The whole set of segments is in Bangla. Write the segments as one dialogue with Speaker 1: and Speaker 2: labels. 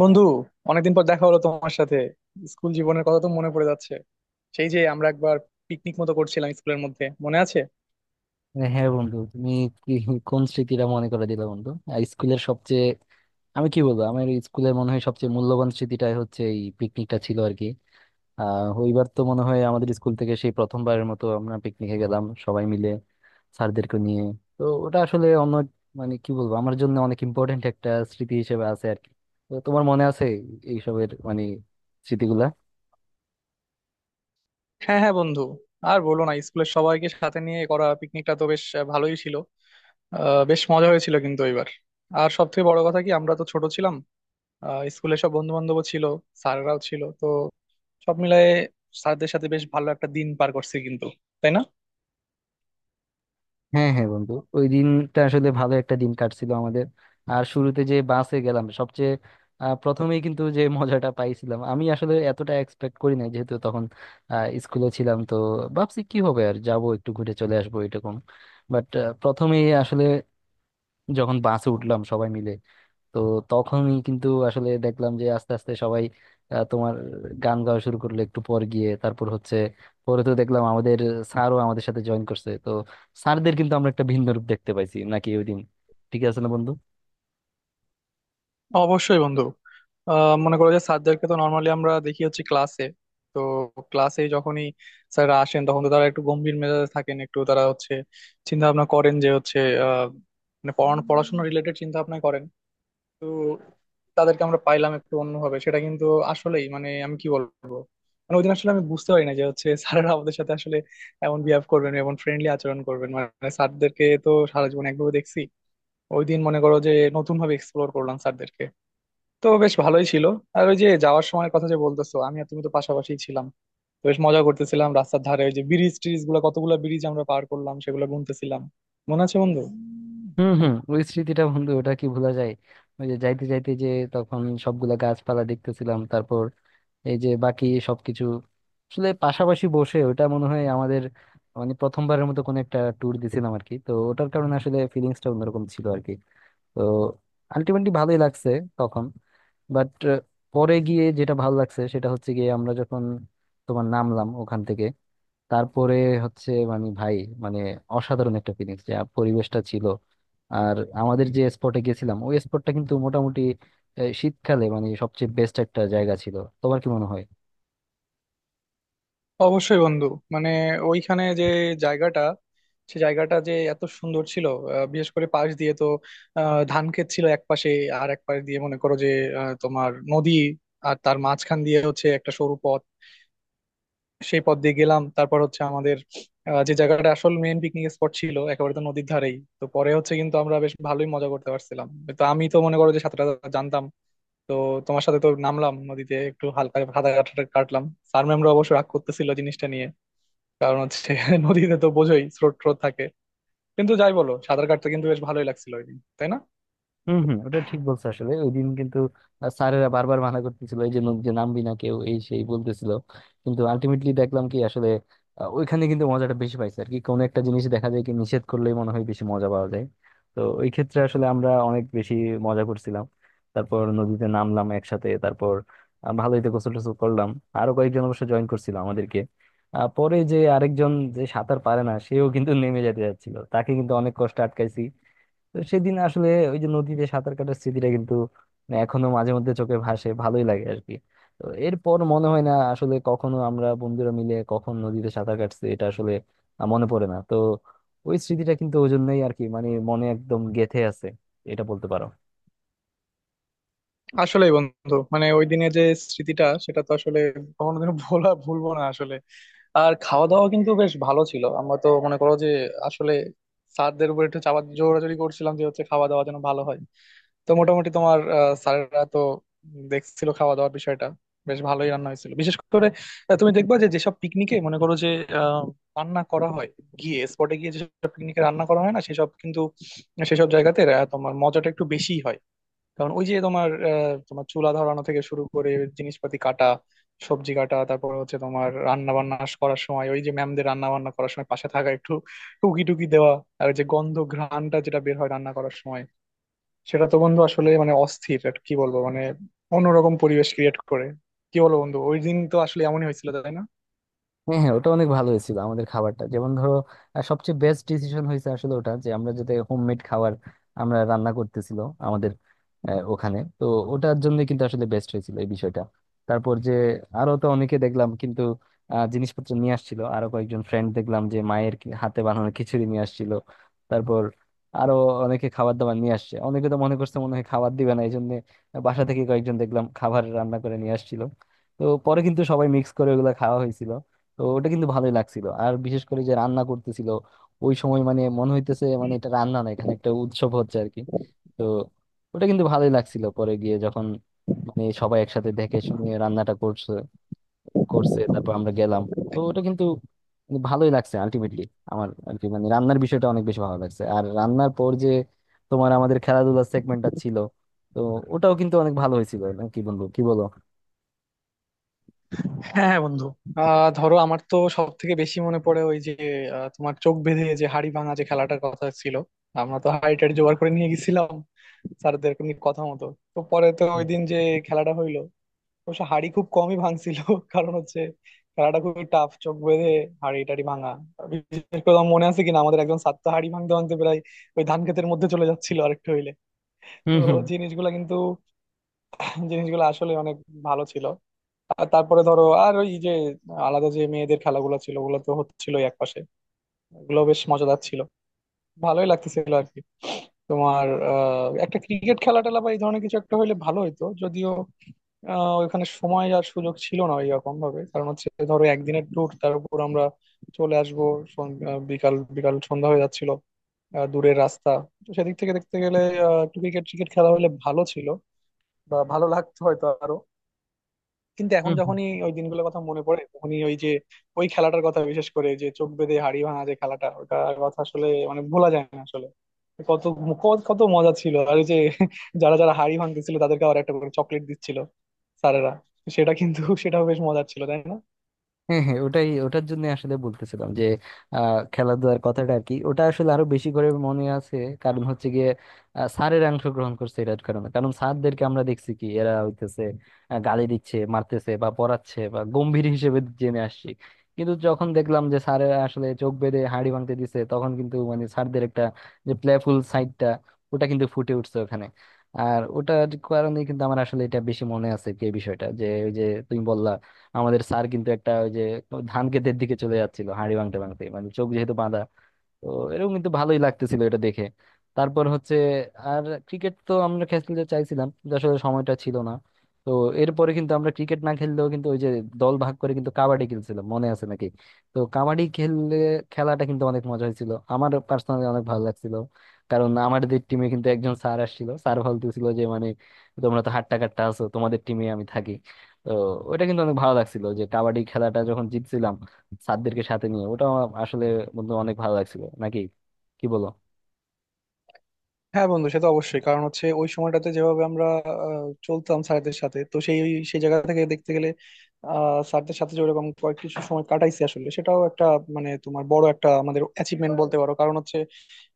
Speaker 1: বন্ধু, অনেকদিন পর দেখা হলো তোমার সাথে। স্কুল জীবনের কথা তো মনে পড়ে যাচ্ছে। সেই যে আমরা একবার পিকনিক মতো করছিলাম স্কুলের মধ্যে, মনে আছে?
Speaker 2: হ্যাঁ হ্যাঁ বন্ধু, তুমি কি কোন স্মৃতিটা মনে করে দিলে বন্ধু! আর স্কুলের সবচেয়ে, আমি কি বলবো, আমার স্কুলের মনে হয় সবচেয়ে মূল্যবান স্মৃতিটাই হচ্ছে এই পিকনিকটা ছিল আর কি। ওইবার তো মনে হয় আমাদের স্কুল থেকে সেই প্রথমবারের মতো আমরা পিকনিকে গেলাম সবাই মিলে, স্যারদেরকে নিয়ে। তো ওটা আসলে অন্য, মানে কি বলবো, আমার জন্য অনেক ইম্পর্টেন্ট একটা স্মৃতি হিসেবে আছে আর কি। তো তোমার মনে আছে এইসবের মানে স্মৃতিগুলা?
Speaker 1: হ্যাঁ হ্যাঁ বন্ধু, আর বলো না, স্কুলের সবাইকে সাথে নিয়ে করা পিকনিকটা তো বেশ ভালোই ছিল। বেশ মজা হয়েছিল কিন্তু এবার। আর সব থেকে বড় কথা কি, আমরা তো ছোট ছিলাম। স্কুলে সব বন্ধু বান্ধবও ছিল, স্যাররাও ছিল তো, সব মিলায়ে স্যারদের সাথে বেশ ভালো একটা দিন পার করছি কিন্তু, তাই না?
Speaker 2: হ্যাঁ হ্যাঁ বন্ধু, ওই দিনটা আসলে ভালো একটা দিন কাটছিল আমাদের। আর শুরুতে যে বাসে গেলাম সবচেয়ে, প্রথমেই কিন্তু যে মজাটা পাইছিলাম আমি আসলে এতটা এক্সপেক্ট করি নাই, যেহেতু তখন স্কুলে ছিলাম তো। ভাবছি কি হবে, আর যাব একটু ঘুরে চলে আসবো এরকম। বাট প্রথমেই আসলে যখন বাসে উঠলাম সবাই মিলে, তো তখনই কিন্তু আসলে দেখলাম যে আস্তে আস্তে সবাই আহ, তোমার গান গাওয়া শুরু করলো একটু পর গিয়ে। তারপর হচ্ছে পরে তো দেখলাম আমাদের স্যারও আমাদের সাথে জয়েন করছে। তো স্যারদের কিন্তু আমরা একটা ভিন্ন রূপ দেখতে পাইছি নাকি ওই দিন, ঠিক আছে না বন্ধু?
Speaker 1: অবশ্যই বন্ধু। মনে করো যে স্যারদেরকে তো নর্মালি আমরা দেখি হচ্ছে ক্লাসে। তো ক্লাসে যখনই স্যাররা আসেন তখন তো তারা একটু গম্ভীর মেজাজে থাকেন, একটু তারা হচ্ছে চিন্তা ভাবনা করেন যে হচ্ছে আহ, মানে পড়ানো পড়াশোনা রিলেটেড চিন্তা ভাবনা করেন। তো তাদেরকে আমরা পাইলাম একটু অন্যভাবে, সেটা কিন্তু আসলেই মানে আমি কি বলবো, মানে ওই দিন আসলে আমি বুঝতে পারি না যে হচ্ছে স্যাররা আমাদের সাথে আসলে এমন বিহেভ করবেন, এমন ফ্রেন্ডলি আচরণ করবেন। মানে স্যারদেরকে তো সারা জীবন একভাবে দেখছি, ওই দিন মনে করো যে নতুন ভাবে এক্সপ্লোর করলাম স্যারদেরকে। তো বেশ ভালোই ছিল। আর ওই যে যাওয়ার সময় কথা যে বলতেছো, আমি আর তুমি তো পাশাপাশি ছিলাম, তো বেশ মজা করতেছিলাম রাস্তার ধারে। ওই যে ব্রিজ ট্রিজ গুলো, কতগুলো ব্রিজ আমরা পার করলাম সেগুলো গুনতেছিলাম, মনে আছে বন্ধু?
Speaker 2: হুম হুম, ওই স্মৃতিটা বন্ধু ওটা কি ভোলা যায়! ওই যে যাইতে যাইতে যে তখন সবগুলা গাছপালা দেখতেছিলাম, তারপর এই যে বাকি সবকিছু, আসলে পাশাপাশি বসে ওটা মনে হয় আমাদের মানে প্রথমবারের মতো কোনো একটা ট্যুর দিছিলাম আর কি। তো ওটার কারণে আসলে ফিলিংসটা অন্যরকম ছিল আর কি। তো আলটিমেটলি ভালোই লাগছে তখন। বাট পরে গিয়ে যেটা ভালো লাগছে সেটা হচ্ছে গিয়ে, আমরা যখন নামলাম ওখান থেকে, তারপরে হচ্ছে, মানে ভাই, মানে অসাধারণ একটা ফিলিংস, যে পরিবেশটা ছিল। আর আমাদের যে স্পটে গেছিলাম ওই স্পটটা কিন্তু মোটামুটি শীতকালে মানে সবচেয়ে বেস্ট একটা জায়গা ছিল। তোমার কি মনে হয়?
Speaker 1: অবশ্যই বন্ধু, মানে ওইখানে যে জায়গাটা, সে জায়গাটা যে এত সুন্দর ছিল! বিশেষ করে পাশ দিয়ে তো ধান ক্ষেত ছিল এক পাশে, আর এক পাশ দিয়ে মনে করো যে তোমার নদী, আর তার মাঝখান দিয়ে হচ্ছে একটা সরু পথ। সেই পথ দিয়ে গেলাম, তারপর হচ্ছে আমাদের যে জায়গাটা আসল মেইন পিকনিক স্পট ছিল একেবারে তো নদীর ধারেই তো পরে, হচ্ছে কিন্তু আমরা বেশ ভালোই মজা করতে পারছিলাম। তো আমি তো মনে করো যে সাঁতার টাতার জানতাম, তো তোমার সাথে তো নামলাম নদীতে, একটু হালকা সাঁতার কাটা কাটলাম। স্যার ম্যামরা অবশ্য রাগ করতেছিল জিনিসটা নিয়ে, কারণ হচ্ছে নদীতে তো বোঝোই স্রোত ট্রোত থাকে। কিন্তু যাই বলো, সাঁতার কাটতে কিন্তু বেশ ভালোই লাগছিল ওই দিন, তাই না?
Speaker 2: হম হম, ওটা ঠিক বলছো। আসলে ওই দিন কিন্তু স্যারেরা বারবার মানা করতেছিল, এই যে যে নামবি না কেউ, এই সেই বলতেছিল। কিন্তু আলটিমেটলি দেখলাম কি আসলে ওইখানে কিন্তু মজাটা বেশি পাইছে আর কি। কোনো একটা জিনিস দেখা যায় কি, নিষেধ করলেই মনে হয় বেশি মজা পাওয়া যায়। তো ওই ক্ষেত্রে আসলে আমরা অনেক বেশি মজা করছিলাম। তারপর নদীতে নামলাম একসাথে, তারপর ভালোই তো গোসল টোসল করলাম। আরো কয়েকজন অবশ্য জয়েন করছিল আমাদেরকে। পরে যে আরেকজন যে সাঁতার পারে না, সেও কিন্তু নেমে যেতে যাচ্ছিল, তাকে কিন্তু অনেক কষ্ট আটকাইছি। তো সেদিন আসলে ওই যে নদীতে সাঁতার কাটার স্মৃতিটা কিন্তু, মানে এখনো মাঝে মধ্যে চোখে ভাসে, ভালোই লাগে আর কি। তো এরপর মনে হয় না আসলে কখনো আমরা বন্ধুরা মিলে কখন নদীতে সাঁতার কাটছি, এটা আসলে মনে পড়ে না তো। ওই স্মৃতিটা কিন্তু ওই জন্যই আর কি, মানে মনে একদম গেঁথে আছে, এটা বলতে পারো।
Speaker 1: আসলেই বন্ধু, মানে ওই দিনে যে স্মৃতিটা, সেটা তো আসলে কখনোদিনও ভোলা ভুলবো না আসলে। আর খাওয়া দাওয়া কিন্তু বেশ ভালো ছিল। আমরা তো মনে করো যে আসলে স্যারদের উপর একটু চাপা জোরাজোরি করছিলাম যে হচ্ছে খাওয়া দাওয়া যেন ভালো হয়। তো মোটামুটি তোমার স্যারেরা তো দেখছিল খাওয়া দাওয়ার বিষয়টা, বেশ ভালোই রান্না হয়েছিল। বিশেষ করে তুমি দেখবা যে যেসব পিকনিকে মনে করো যে আহ, রান্না করা হয়, গিয়ে স্পটে গিয়ে, যেসব পিকনিকে রান্না করা হয় না সেসব কিন্তু, সেসব জায়গাতে তোমার মজাটা একটু বেশি হয়। কারণ ওই যে তোমার তোমার চুলা ধরানো থেকে শুরু করে জিনিসপাতি কাটা, সবজি কাটা, তারপর হচ্ছে তোমার রান্না বান্না করার সময়, ওই যে ম্যামদের রান্না বান্না করার সময় পাশে থাকা, একটু টুকি টুকি দেওয়া, আর ওই যে গন্ধ ঘ্রাণটা যেটা বের হয় রান্না করার সময়, সেটা তো বন্ধু আসলে মানে অস্থির, আর কি বলবো, মানে অন্যরকম পরিবেশ ক্রিয়েট করে। কি বলবো বন্ধু, ওই দিন তো আসলে এমনই হয়েছিল, তাই না?
Speaker 2: হ্যাঁ হ্যাঁ, ওটা অনেক ভালো হয়েছিল আমাদের খাবারটা, যেমন ধরো সবচেয়ে বেস্ট ডিসিশন হয়েছে আসলে ওটা, যে আমরা যাতে হোমমেড খাবার আমরা রান্না করতেছিল আমাদের ওখানে তো। ওটার জন্য কিন্তু আসলে বেস্ট হয়েছিল এই বিষয়টা। তারপর যে আরো তো অনেকে দেখলাম কিন্তু জিনিসপত্র নিয়ে আসছিল, আরো কয়েকজন ফ্রেন্ড দেখলাম যে মায়ের হাতে বানানো খিচুড়ি নিয়ে আসছিল। তারপর আরো অনেকে খাবার দাবার নিয়ে আসছে। অনেকে তো মনে করছে মনে হয় খাবার দিবে না, এই জন্য বাসা থেকে কয়েকজন দেখলাম খাবার রান্না করে নিয়ে আসছিল। তো পরে কিন্তু সবাই মিক্স করে ওগুলা খাওয়া হয়েছিল। তো ওটা কিন্তু ভালোই লাগছিল। আর বিশেষ করে যে রান্না করতেছিল ওই সময়, মানে মনে হইতেছে মানে এটা রান্না না, এখানে একটা উৎসব হচ্ছে আর কি। তো ওটা কিন্তু ভালোই লাগছিল পরে গিয়ে যখন মানে সবাই একসাথে দেখে শুনে রান্নাটা করছে করছে তারপর আমরা গেলাম। তো ওটা কিন্তু মানে ভালোই লাগছে আলটিমেটলি আমার আর কি। মানে রান্নার বিষয়টা অনেক বেশি ভালো লাগছে। আর রান্নার পর যে আমাদের খেলাধুলার সেগমেন্টটা ছিল, তো ওটাও কিন্তু অনেক ভালো হয়েছিল না কি বন্ধু, কি বলো?
Speaker 1: হ্যাঁ হ্যাঁ বন্ধু। আহ, ধরো আমার তো সব থেকে বেশি মনে পড়ে ওই যে তোমার চোখ বেঁধে যে হাড়ি ভাঙা যে খেলাটার কথা ছিল। আমরা তো হাড়ি টাড়ি জোগাড় করে নিয়ে গেছিলাম স্যারদের এমনি কথা মতো। তো পরে তো ওই দিন যে খেলাটা হইলো, অবশ্য হাড়ি খুব কমই ভাঙছিল কারণ হচ্ছে খেলাটা খুবই টাফ, চোখ বেঁধে হাড়ি টাড়ি ভাঙা। বিশেষ করে আমার মনে আছে কিনা, আমাদের একজন ছাত্র হাড়ি ভাঙতে ভাঙতে প্রায় ওই ধান ক্ষেতের মধ্যে চলে যাচ্ছিল আরেকটু হইলে। তো
Speaker 2: হুম
Speaker 1: জিনিসগুলা কিন্তু, জিনিসগুলো আসলে অনেক ভালো ছিল। আর তারপরে ধরো, আর ওই যে আলাদা যে মেয়েদের খেলাগুলো ছিল ওগুলো তো হচ্ছিল একপাশে, ওগুলো বেশ মজাদার ছিল, ভালোই লাগতেছিল আর কি। তোমার একটা ক্রিকেট খেলা টেলা বা এই ধরনের কিছু একটা হইলে ভালো হইতো, যদিও ওইখানে সময় আর সুযোগ ছিল না এরকম ভাবে। কারণ হচ্ছে ধরো একদিনের ট্যুর, তার উপর আমরা চলে আসবো, বিকাল বিকাল সন্ধ্যা হয়ে যাচ্ছিল, দূরের রাস্তা। তো সেদিক থেকে দেখতে গেলে একটু ক্রিকেট ক্রিকেট খেলা হলে ভালো ছিল, বা ভালো লাগতো হয়তো আরো। কিন্তু এখন
Speaker 2: হুম,
Speaker 1: যখনই ওই দিনগুলোর কথা মনে পড়ে, তখনই ওই যে ওই খেলাটার কথা, বিশেষ করে যে চোখ বেঁধে হাড়ি ভাঙা যে খেলাটা, ওটার কথা আসলে মানে ভোলা যায় না আসলে। কত কত কত মজা ছিল! আর ওই যে যারা যারা হাড়ি ভাঙতেছিল তাদেরকে আবার একটা করে চকলেট দিচ্ছিল স্যারেরা, সেটা কিন্তু সেটাও বেশ মজার ছিল, তাই না?
Speaker 2: হ্যাঁ হ্যাঁ, ওটাই ওটার জন্য আসলে বলতেছিলাম যে খেলাধুলার কথাটা আর কি, ওটা আসলে আরো বেশি করে মনে আছে। কারণ হচ্ছে গিয়ে স্যারের অংশগ্রহণ করছে এটার কারণে। কারণ স্যারদেরকে আমরা দেখছি কি, এরা হইতেছে গালি দিচ্ছে, মারতেছে বা পড়াচ্ছে বা গম্ভীর হিসেবে জেনে আসছি। কিন্তু যখন দেখলাম যে স্যারেরা আসলে চোখ বেঁধে হাঁড়ি ভাঙতে দিছে, তখন কিন্তু মানে স্যারদের একটা যে প্লেফুল সাইডটা ওটা কিন্তু ফুটে উঠছে ওখানে। আর ওটার কারণে কিন্তু আমার আসলে এটা বেশি মনে আছে এই বিষয়টা, যে ওই যে তুমি বললা আমাদের স্যার কিন্তু একটা ওই যে ধান ক্ষেতের দিকে চলে যাচ্ছিল হাঁড়ি ভাঙতে ভাঙতে, মানে চোখ যেহেতু বাঁধা। তো এরকম কিন্তু ভালোই লাগতেছিল এটা দেখে। তারপর হচ্ছে আর ক্রিকেট তো আমরা খেলতে চাইছিলাম, কিন্তু আসলে সময়টা ছিল না। তো এরপরে কিন্তু আমরা ক্রিকেট না খেললেও কিন্তু ওই যে দল ভাগ করে কিন্তু কাবাডি খেলছিলাম, মনে আছে নাকি? তো কাবাডি খেললে, খেলাটা কিন্তু অনেক মজা হয়েছিল, আমার পার্সোনালি অনেক ভালো লাগছিল। কারণ আমাদের টিমে কিন্তু একজন স্যার আসছিল, স্যার বলতেছিল যে মানে তোমরা তো হাট্টা কাট্টা আছো, তোমাদের টিমে আমি থাকি। তো ওইটা কিন্তু অনেক ভালো লাগছিল যে কাবাডি খেলাটা যখন জিতছিলাম স্যারদেরকে সাথে নিয়ে। ওটা আমার আসলে বন্ধু অনেক ভালো লাগছিল নাকি, কি বলো?
Speaker 1: হ্যাঁ বন্ধু, সে তো অবশ্যই। কারণ হচ্ছে ওই সময়টাতে যেভাবে আমরা চলতাম স্যারদের সাথে, তো সেই সেই জায়গা থেকে দেখতে গেলে আহ, স্যারদের সাথে যে ওরকম কয়েক কিছু সময় কাটাইছি আসলে, সেটাও একটা মানে তোমার বড় একটা আমাদের অ্যাচিভমেন্ট বলতে পারো। কারণ হচ্ছে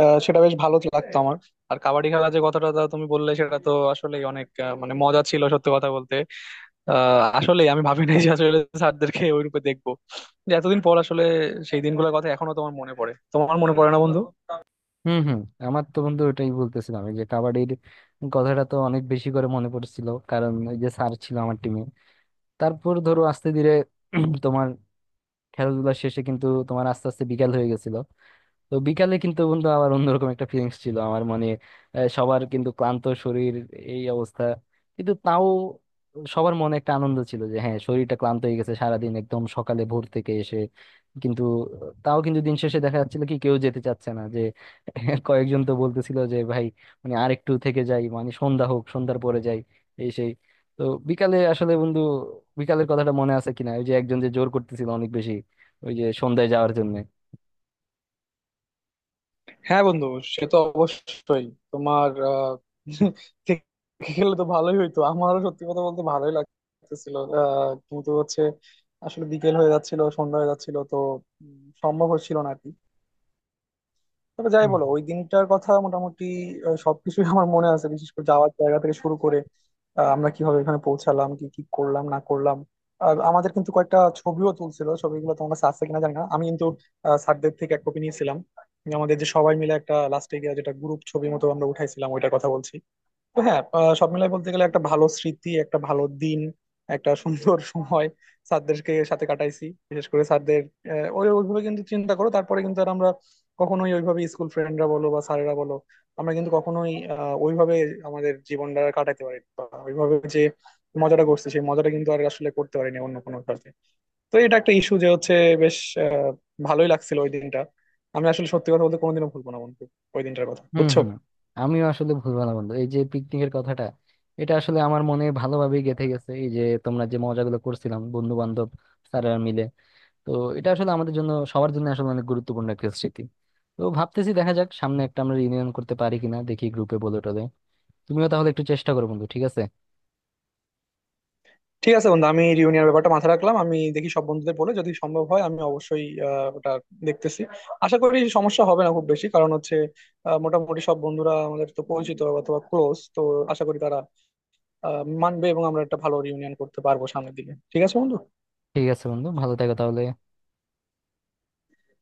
Speaker 1: সেটা বেশ ভালো লাগতো আমার। আর কাবাডি খেলা যে কথাটা তা তুমি বললে, সেটা তো আসলে অনেক আহ, মানে মজা ছিল সত্যি কথা বলতে। আহ আসলে আমি ভাবি নাই যে আসলে স্যারদেরকে ওই রূপে দেখবো। যে এতদিন পর আসলে সেই দিনগুলোর কথা এখনো তোমার মনে পড়ে, তোমার মনে পড়ে না বন্ধু?
Speaker 2: হুম হুম, আমার তো বন্ধু ওটাই বলতেছিলাম এই যে কাবাডির কথাটা তো অনেক বেশি করে মনে পড়ছিল, কারণ ওই যে স্যার ছিল আমার টিমে। তারপর ধরো আস্তে ধীরে তোমার খেলাধুলা শেষে কিন্তু আস্তে আস্তে বিকাল হয়ে গেছিল। তো বিকালে কিন্তু বন্ধু আবার অন্যরকম একটা ফিলিংস ছিল আমার, মানে সবার কিন্তু ক্লান্ত শরীর, এই অবস্থা। কিন্তু তাও সবার মনে একটা আনন্দ ছিল, যে হ্যাঁ শরীরটা ক্লান্ত হয়ে গেছে সারাদিন একদম সকালে ভোর থেকে এসে, কিন্তু তাও কিন্তু দিন শেষে দেখা যাচ্ছিল কি কেউ যেতে চাচ্ছে না যে। কয়েকজন তো বলতেছিল যে ভাই, মানে আর একটু থেকে যাই, মানে সন্ধ্যা হোক, সন্ধ্যার পরে যাই, এই সেই। তো বিকালে আসলে বন্ধু বিকালের কথাটা মনে আছে কিনা, ওই যে একজন যে জোর করতেছিল অনেক বেশি ওই যে সন্ধ্যায় যাওয়ার জন্য?
Speaker 1: হ্যাঁ বন্ধু, সে তো অবশ্যই। তোমার আহ, থেকে খেলে তো ভালোই হইতো, আমারও সত্যি কথা বলতে ভালোই লাগতেছিল। আহ, কিন্তু হচ্ছে আসলে বিকেল হয়ে যাচ্ছিল, সন্ধ্যা হয়ে যাচ্ছিল, তো উম, সম্ভব হচ্ছিল না আর কি। তবে যাই বলো, ওই দিনটার কথা মোটামুটি সবকিছুই আমার মনে আছে। বিশেষ করে যাওয়ার জায়গা থেকে শুরু করে আমরা কিভাবে এখানে পৌঁছালাম, কি কি করলাম না করলাম। আর আমাদের কিন্তু কয়েকটা ছবিও তুলছিল, ছবিগুলো তোমার কাছে আছে কিনা জানি না, আমি কিন্তু স্যারদের থেকে এক কপি নিয়েছিলাম, আমাদের যে সবাই মিলে একটা লাস্টে গিয়ে যেটা গ্রুপ ছবির মতো আমরা উঠাইছিলাম, ওইটার কথা বলছি। তো হ্যাঁ, সব মিলাই বলতে গেলে একটা ভালো স্মৃতি, একটা ভালো দিন, একটা সুন্দর সময় স্যারদেরকে সাথে কাটাইছি। বিশেষ করে স্যারদের ওই ওইভাবে কিন্তু চিন্তা করো, তারপরে কিন্তু আর আমরা কখনোই ওইভাবে স্কুল ফ্রেন্ডরা বলো বা স্যারেরা বলো, আমরা কিন্তু কখনোই ওইভাবে আমাদের জীবনটা কাটাতে পারি বা ওইভাবে যে মজাটা করছি সেই মজাটা কিন্তু আর আসলে করতে পারিনি অন্য কোনো কাজে। তো এটা একটা ইস্যু যে হচ্ছে বেশ আহ, ভালোই লাগছিল ওই দিনটা। আমি আসলে সত্যি কথা বলতে কোনোদিনও ভুলবো না বন্ধু ওই দিনটার কথা,
Speaker 2: হম
Speaker 1: বুঝছো?
Speaker 2: হম, আমিও আসলে ভুলবো না বন্ধু এই যে পিকনিকের কথাটা, এটা আসলে আমার মনে ভালোভাবেই গেঁথে গেছে। এই যে তোমরা যে মজাগুলো করছিলাম বন্ধু বান্ধব স্যাররা মিলে, তো এটা আসলে আমাদের জন্য, সবার জন্য আসলে অনেক গুরুত্বপূর্ণ একটা স্মৃতি। তো ভাবতেছি দেখা যাক সামনে একটা আমরা রিউনিয়ন করতে পারি কিনা, দেখি গ্রুপে বলে টলে। তুমিও তাহলে একটু চেষ্টা করো বন্ধু, ঠিক আছে?
Speaker 1: ঠিক আছে বন্ধু, আমি রিউনিয়নের ব্যাপারটা মাথায় রাখলাম। আমি দেখি সব বন্ধুদের বলে, যদি সম্ভব হয় আমি অবশ্যই ওটা দেখতেছি। আশা করি সমস্যা হবে না খুব বেশি, কারণ হচ্ছে মোটামুটি সব বন্ধুরা আমাদের তো পরিচিত অথবা ক্লোজ। তো আশা করি তারা মানবে এবং আমরা একটা ভালো রিউনিয়ন করতে পারবো সামনের দিকে। ঠিক আছে বন্ধু।
Speaker 2: ঠিক আছে বন্ধু, ভালো থেকো তাহলে।